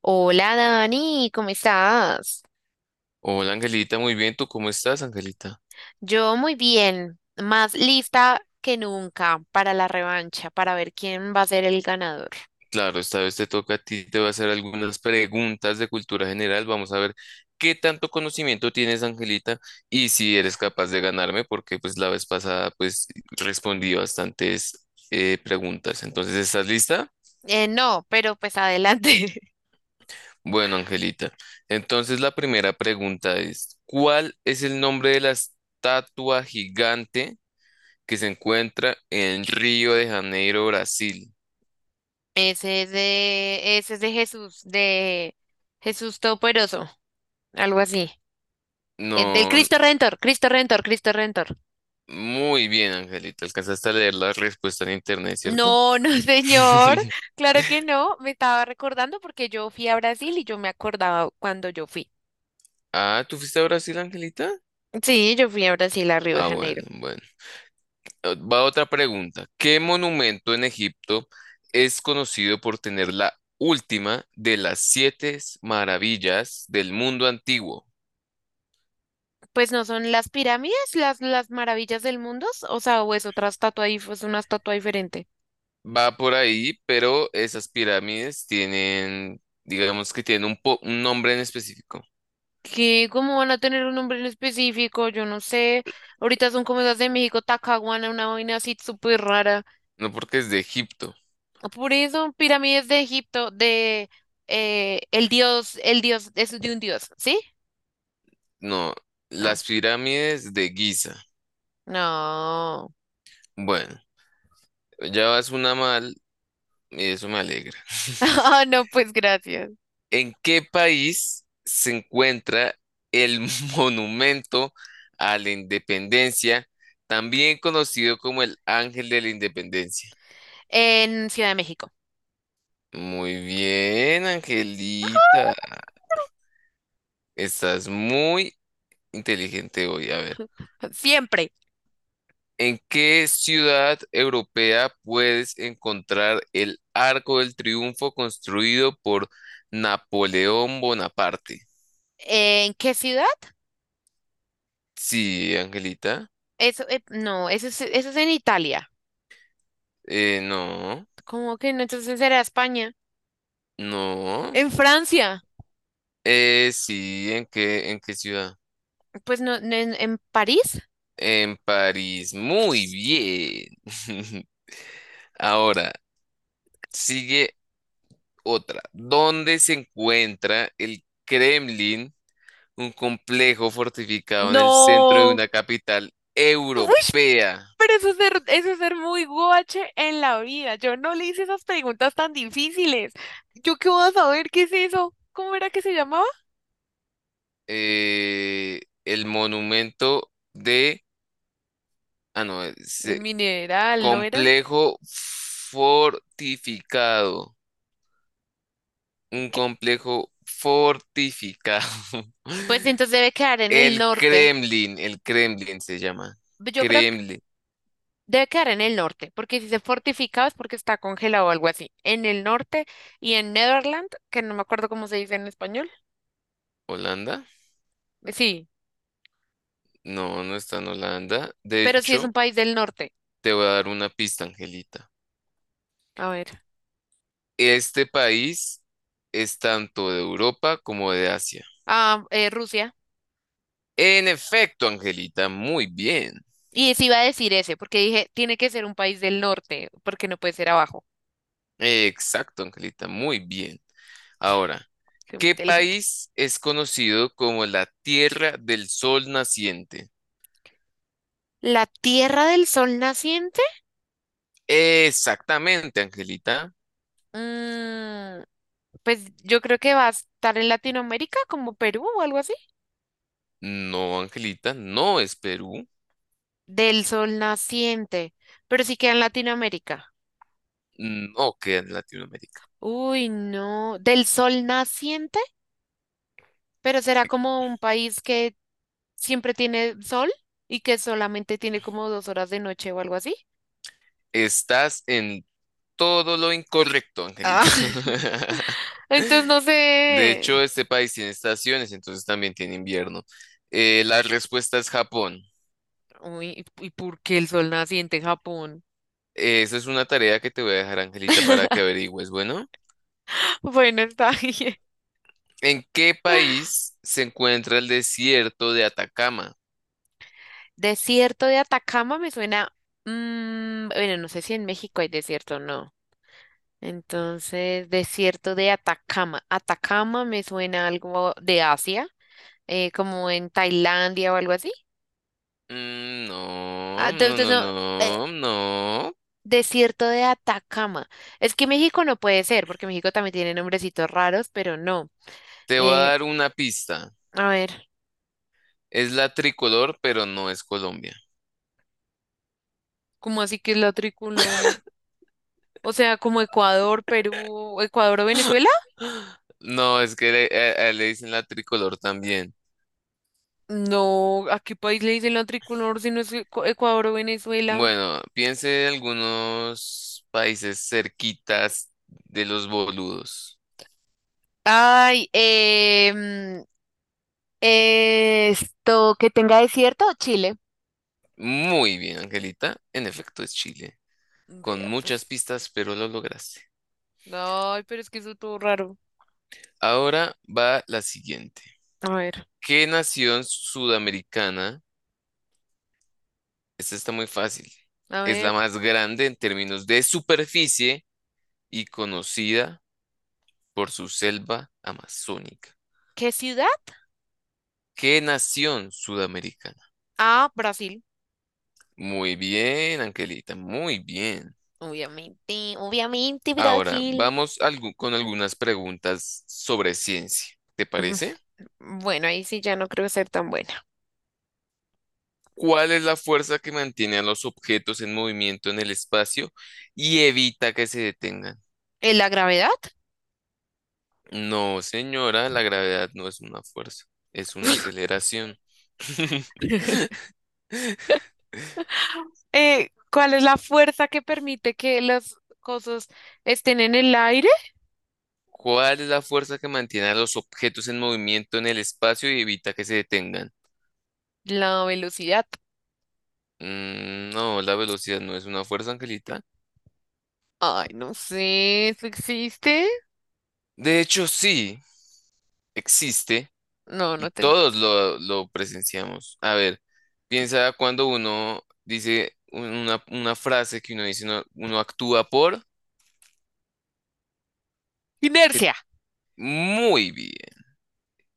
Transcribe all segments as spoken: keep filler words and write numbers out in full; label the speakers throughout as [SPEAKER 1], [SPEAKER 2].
[SPEAKER 1] Hola Dani, ¿cómo estás?
[SPEAKER 2] Hola Angelita, muy bien, ¿tú cómo estás, Angelita?
[SPEAKER 1] Yo muy bien, más lista que nunca para la revancha, para ver quién va a ser el ganador.
[SPEAKER 2] Claro, esta vez te toca a ti, te voy a hacer algunas preguntas de cultura general. Vamos a ver qué tanto conocimiento tienes, Angelita, y si eres capaz de ganarme, porque pues la vez pasada pues respondí bastantes eh, preguntas. Entonces, ¿estás lista?
[SPEAKER 1] Eh, no, pero pues adelante.
[SPEAKER 2] Bueno, Angelita. Entonces, la primera pregunta es, ¿cuál es el nombre de la estatua gigante que se encuentra en Río de Janeiro, Brasil?
[SPEAKER 1] Ese es de, ese es de Jesús, de Jesús Todopoderoso, algo así. Eh, del
[SPEAKER 2] No.
[SPEAKER 1] Cristo Redentor, Cristo Redentor, Cristo Redentor.
[SPEAKER 2] Muy bien, Angelita. Alcanzaste a leer la respuesta en internet, ¿cierto?
[SPEAKER 1] No, no, señor, claro que no. Me estaba recordando porque yo fui a Brasil y yo me acordaba cuando yo fui.
[SPEAKER 2] Ah, ¿tú fuiste a Brasil, Angelita?
[SPEAKER 1] Sí, yo fui a Brasil, a Río de
[SPEAKER 2] Ah, bueno,
[SPEAKER 1] Janeiro.
[SPEAKER 2] bueno. Eh, Va otra pregunta. ¿Qué monumento en Egipto es conocido por tener la última de las siete maravillas del mundo antiguo?
[SPEAKER 1] Pues no son las pirámides, las, las maravillas del mundo, o sea, o es otra estatua ahí, es una estatua diferente.
[SPEAKER 2] Va por ahí, pero esas pirámides tienen, digamos que tienen un, po- un nombre en específico.
[SPEAKER 1] Que como van a tener un nombre en específico? Yo no sé. Ahorita son como esas de México, Tacahuana, una vaina así súper rara.
[SPEAKER 2] No, porque es de Egipto,
[SPEAKER 1] Por eso, pirámides de Egipto, de eh, el dios, el dios, es de un dios, ¿sí?
[SPEAKER 2] no,
[SPEAKER 1] No.
[SPEAKER 2] las pirámides de Giza.
[SPEAKER 1] No.
[SPEAKER 2] Bueno. Ya vas una mal y eso me alegra.
[SPEAKER 1] Ah, no, pues gracias.
[SPEAKER 2] ¿En qué país se encuentra el Monumento a la Independencia, también conocido como el Ángel de la Independencia?
[SPEAKER 1] En Ciudad de México.
[SPEAKER 2] Muy bien, Angelita. Estás muy inteligente hoy. A ver,
[SPEAKER 1] Siempre.
[SPEAKER 2] ¿en qué ciudad europea puedes encontrar el Arco del Triunfo construido por Napoleón Bonaparte?
[SPEAKER 1] ¿En qué ciudad?
[SPEAKER 2] Sí, Angelita.
[SPEAKER 1] Eso, eh, no, eso es, eso es en Italia.
[SPEAKER 2] Eh, no,
[SPEAKER 1] ¿Cómo que no? Entonces era España.
[SPEAKER 2] no.
[SPEAKER 1] En Francia.
[SPEAKER 2] Eh, sí, ¿en qué, en qué ciudad?
[SPEAKER 1] Pues no, no, en, en París.
[SPEAKER 2] En París. Muy bien. Ahora, sigue otra. ¿Dónde se encuentra el Kremlin, un complejo fortificado en el centro de
[SPEAKER 1] No.
[SPEAKER 2] una capital
[SPEAKER 1] Uy,
[SPEAKER 2] europea?
[SPEAKER 1] pero eso es ser, eso es ser muy guache en la vida. Yo no le hice esas preguntas tan difíciles. ¿Yo qué voy a saber qué es eso? ¿Cómo era que se llamaba?
[SPEAKER 2] Eh, el monumento de... Ah, no, es,
[SPEAKER 1] El
[SPEAKER 2] eh,
[SPEAKER 1] mineral, ¿no era?
[SPEAKER 2] complejo fortificado. Un
[SPEAKER 1] ¿Qué?
[SPEAKER 2] complejo fortificado.
[SPEAKER 1] Pues entonces debe quedar en el
[SPEAKER 2] El
[SPEAKER 1] norte.
[SPEAKER 2] Kremlin, el Kremlin se llama.
[SPEAKER 1] Yo creo que
[SPEAKER 2] Kremlin.
[SPEAKER 1] debe quedar en el norte, porque si se fortificaba es porque está congelado o algo así. En el norte y en Netherland, que no me acuerdo cómo se dice en español.
[SPEAKER 2] ¿Holanda?
[SPEAKER 1] Sí.
[SPEAKER 2] No, no está en Holanda. De
[SPEAKER 1] Pero sí es
[SPEAKER 2] hecho,
[SPEAKER 1] un país del norte.
[SPEAKER 2] te voy a dar una pista, Angelita.
[SPEAKER 1] A ver.
[SPEAKER 2] Este país es tanto de Europa como de Asia.
[SPEAKER 1] Ah, eh, Rusia.
[SPEAKER 2] En efecto, Angelita, muy bien.
[SPEAKER 1] Y sí iba a decir ese, porque dije, tiene que ser un país del norte, porque no puede ser abajo.
[SPEAKER 2] Exacto, Angelita, muy bien. Ahora,
[SPEAKER 1] Soy muy
[SPEAKER 2] ¿qué
[SPEAKER 1] inteligente.
[SPEAKER 2] país es conocido como la Tierra del Sol Naciente?
[SPEAKER 1] ¿La Tierra del Sol naciente?
[SPEAKER 2] Exactamente, Angelita.
[SPEAKER 1] Mm, pues yo creo que va a estar en Latinoamérica, como Perú o algo así.
[SPEAKER 2] No, Angelita, no es Perú.
[SPEAKER 1] Del Sol naciente. Pero sí queda en Latinoamérica.
[SPEAKER 2] No queda en Latinoamérica.
[SPEAKER 1] Uy, no. ¿Del Sol naciente? Pero será como un país que siempre tiene sol y que solamente tiene como dos horas de noche o algo así.
[SPEAKER 2] Estás en todo lo incorrecto, Angelita.
[SPEAKER 1] Ah, entonces no
[SPEAKER 2] De
[SPEAKER 1] sé.
[SPEAKER 2] hecho, este país tiene estaciones, entonces también tiene invierno. Eh, la respuesta es Japón.
[SPEAKER 1] Uy, ¿y por qué el sol naciente en Japón?
[SPEAKER 2] Esa es una tarea que te voy a dejar, Angelita, para que averigües. Bueno,
[SPEAKER 1] Bueno, está bien.
[SPEAKER 2] ¿en qué país se encuentra el desierto de Atacama?
[SPEAKER 1] Desierto de Atacama me suena. Mm, bueno, no sé si en México hay desierto o no. Entonces, desierto de Atacama. Atacama me suena algo de Asia, eh, como en Tailandia o algo así.
[SPEAKER 2] Mm,
[SPEAKER 1] Ah,
[SPEAKER 2] no, no,
[SPEAKER 1] entonces,
[SPEAKER 2] no,
[SPEAKER 1] no, eh,
[SPEAKER 2] no, no.
[SPEAKER 1] desierto de Atacama. Es que México no puede ser, porque México también tiene nombrecitos raros, pero no.
[SPEAKER 2] Te voy a
[SPEAKER 1] Eh,
[SPEAKER 2] dar una pista.
[SPEAKER 1] a ver.
[SPEAKER 2] Es la tricolor, pero no es Colombia.
[SPEAKER 1] ¿Cómo así que es la tricolor? O sea, como Ecuador, Perú, Ecuador o Venezuela.
[SPEAKER 2] No, es que le, a- a- le dicen la tricolor también.
[SPEAKER 1] No, ¿a qué país le dicen la tricolor si no es Ecu- Ecuador o Venezuela?
[SPEAKER 2] Bueno, piense en algunos países cerquitas de los boludos.
[SPEAKER 1] Ay, em, esto que tenga desierto, Chile.
[SPEAKER 2] Muy bien, Angelita. En efecto, es Chile. Con
[SPEAKER 1] Vea,
[SPEAKER 2] muchas
[SPEAKER 1] pues.
[SPEAKER 2] pistas, pero lo lograste.
[SPEAKER 1] Ay, pero es que eso todo raro.
[SPEAKER 2] Ahora va la siguiente.
[SPEAKER 1] A ver,
[SPEAKER 2] ¿Qué nación sudamericana? Esta está muy fácil.
[SPEAKER 1] a
[SPEAKER 2] Es
[SPEAKER 1] ver.
[SPEAKER 2] la más grande en términos de superficie y conocida por su selva amazónica.
[SPEAKER 1] ¿Qué ciudad?
[SPEAKER 2] ¿Qué nación sudamericana?
[SPEAKER 1] Ah, Brasil.
[SPEAKER 2] Muy bien, Angelita, muy bien.
[SPEAKER 1] Obviamente, obviamente,
[SPEAKER 2] Ahora,
[SPEAKER 1] Brasil.
[SPEAKER 2] vamos algu- con algunas preguntas sobre ciencia. ¿Te parece?
[SPEAKER 1] Bueno, ahí sí ya no creo ser tan buena.
[SPEAKER 2] ¿Cuál es la fuerza que mantiene a los objetos en movimiento en el espacio y evita que se detengan?
[SPEAKER 1] ¿Eh, ¿La gravedad?
[SPEAKER 2] No, señora, la gravedad no es una fuerza, es una aceleración.
[SPEAKER 1] Eh, ¿cuál es la fuerza que permite que las cosas estén en el aire?
[SPEAKER 2] ¿Cuál es la fuerza que mantiene a los objetos en movimiento en el espacio y evita que se detengan?
[SPEAKER 1] La velocidad.
[SPEAKER 2] Mm, no, la velocidad no es una fuerza, Angelita.
[SPEAKER 1] Ay, no sé, ¿eso existe?
[SPEAKER 2] De hecho, sí, existe
[SPEAKER 1] No,
[SPEAKER 2] y
[SPEAKER 1] no tengo.
[SPEAKER 2] todos lo, lo presenciamos. A ver, piensa cuando uno dice un- una, una frase que uno dice, uno, uno actúa por... que-
[SPEAKER 1] Inercia.
[SPEAKER 2] Muy bien,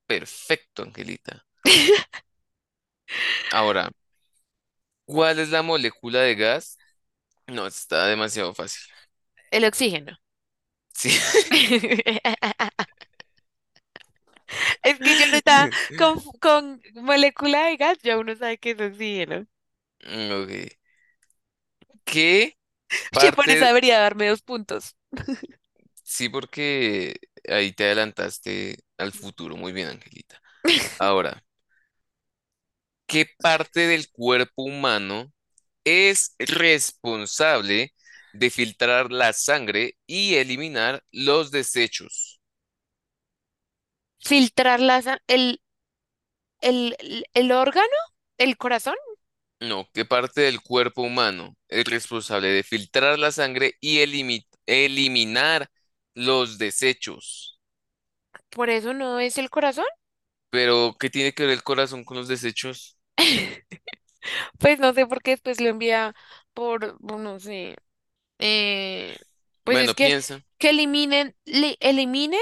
[SPEAKER 2] perfecto, Angelita. Ahora, ¿cuál es la molécula de gas? No, está demasiado fácil.
[SPEAKER 1] El oxígeno.
[SPEAKER 2] Sí.
[SPEAKER 1] Es que yo no estaba con, con molécula de gas, ya uno sabe que es oxígeno.
[SPEAKER 2] Ok. ¿Qué
[SPEAKER 1] Che, por eso
[SPEAKER 2] parte?
[SPEAKER 1] debería darme dos puntos.
[SPEAKER 2] Sí, porque ahí te adelantaste al futuro. Muy bien, Angelita. Ahora, ¿qué parte del cuerpo humano es responsable de filtrar la sangre y eliminar los desechos?
[SPEAKER 1] Filtrar la sa- el, el, el, el órgano, el corazón,
[SPEAKER 2] No, ¿qué parte del cuerpo humano es responsable de filtrar la sangre y elimi- eliminar los desechos?
[SPEAKER 1] por eso no es el corazón.
[SPEAKER 2] Pero, ¿qué tiene que ver el corazón con los desechos?
[SPEAKER 1] Pues no sé por qué después lo envía por, no sé, eh, pues
[SPEAKER 2] Bueno,
[SPEAKER 1] es que
[SPEAKER 2] piensa.
[SPEAKER 1] que eliminen, li- eliminen,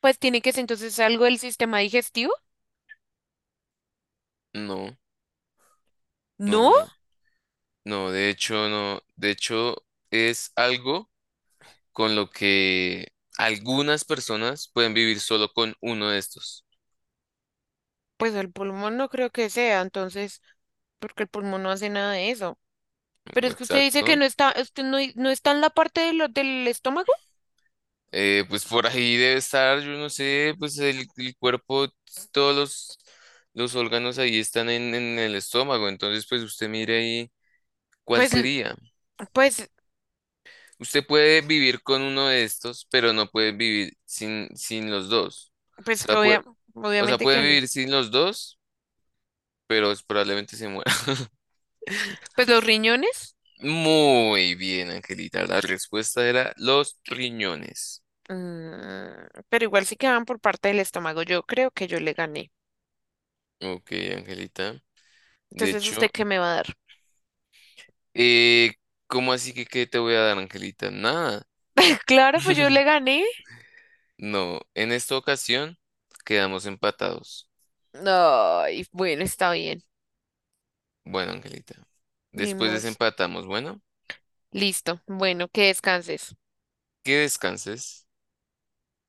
[SPEAKER 1] pues tiene que ser entonces algo del sistema digestivo.
[SPEAKER 2] No, no,
[SPEAKER 1] No,
[SPEAKER 2] no. No, de hecho, no. De hecho, es algo con lo que algunas personas pueden vivir solo con uno de estos.
[SPEAKER 1] pues el pulmón no creo que sea, entonces, porque el pulmón no hace nada de eso. Pero es que usted dice que
[SPEAKER 2] Exacto.
[SPEAKER 1] no está, usted no, no está en la parte de lo- del estómago.
[SPEAKER 2] Eh, pues por ahí debe estar, yo no sé, pues el, el cuerpo, todos los, los órganos ahí están en, en el estómago. Entonces, pues usted mire ahí cuál
[SPEAKER 1] Pues, l-
[SPEAKER 2] sería.
[SPEAKER 1] pues,
[SPEAKER 2] Usted puede vivir con uno de estos, pero no puede vivir sin, sin los dos.
[SPEAKER 1] pues
[SPEAKER 2] O
[SPEAKER 1] que
[SPEAKER 2] sea, puede,
[SPEAKER 1] obvia-
[SPEAKER 2] o sea,
[SPEAKER 1] obviamente
[SPEAKER 2] puede
[SPEAKER 1] que no.
[SPEAKER 2] vivir sin los dos, pero probablemente se muera.
[SPEAKER 1] Pues los riñones,
[SPEAKER 2] Muy bien, Angelita. La respuesta era los riñones.
[SPEAKER 1] mm, pero igual sí que van por parte del estómago. Yo creo que yo le gané.
[SPEAKER 2] Ok, Angelita. De
[SPEAKER 1] Entonces,
[SPEAKER 2] hecho,
[SPEAKER 1] ¿usted qué me va a dar?
[SPEAKER 2] eh, ¿cómo así que qué te voy a dar, Angelita? Nada.
[SPEAKER 1] Claro, pues yo le gané.
[SPEAKER 2] No, en esta ocasión quedamos empatados.
[SPEAKER 1] Ay, bueno, está bien.
[SPEAKER 2] Bueno, Angelita.
[SPEAKER 1] Ni
[SPEAKER 2] Después
[SPEAKER 1] mos.
[SPEAKER 2] desempatamos. Bueno,
[SPEAKER 1] Listo. Bueno, que descanses.
[SPEAKER 2] que descanses.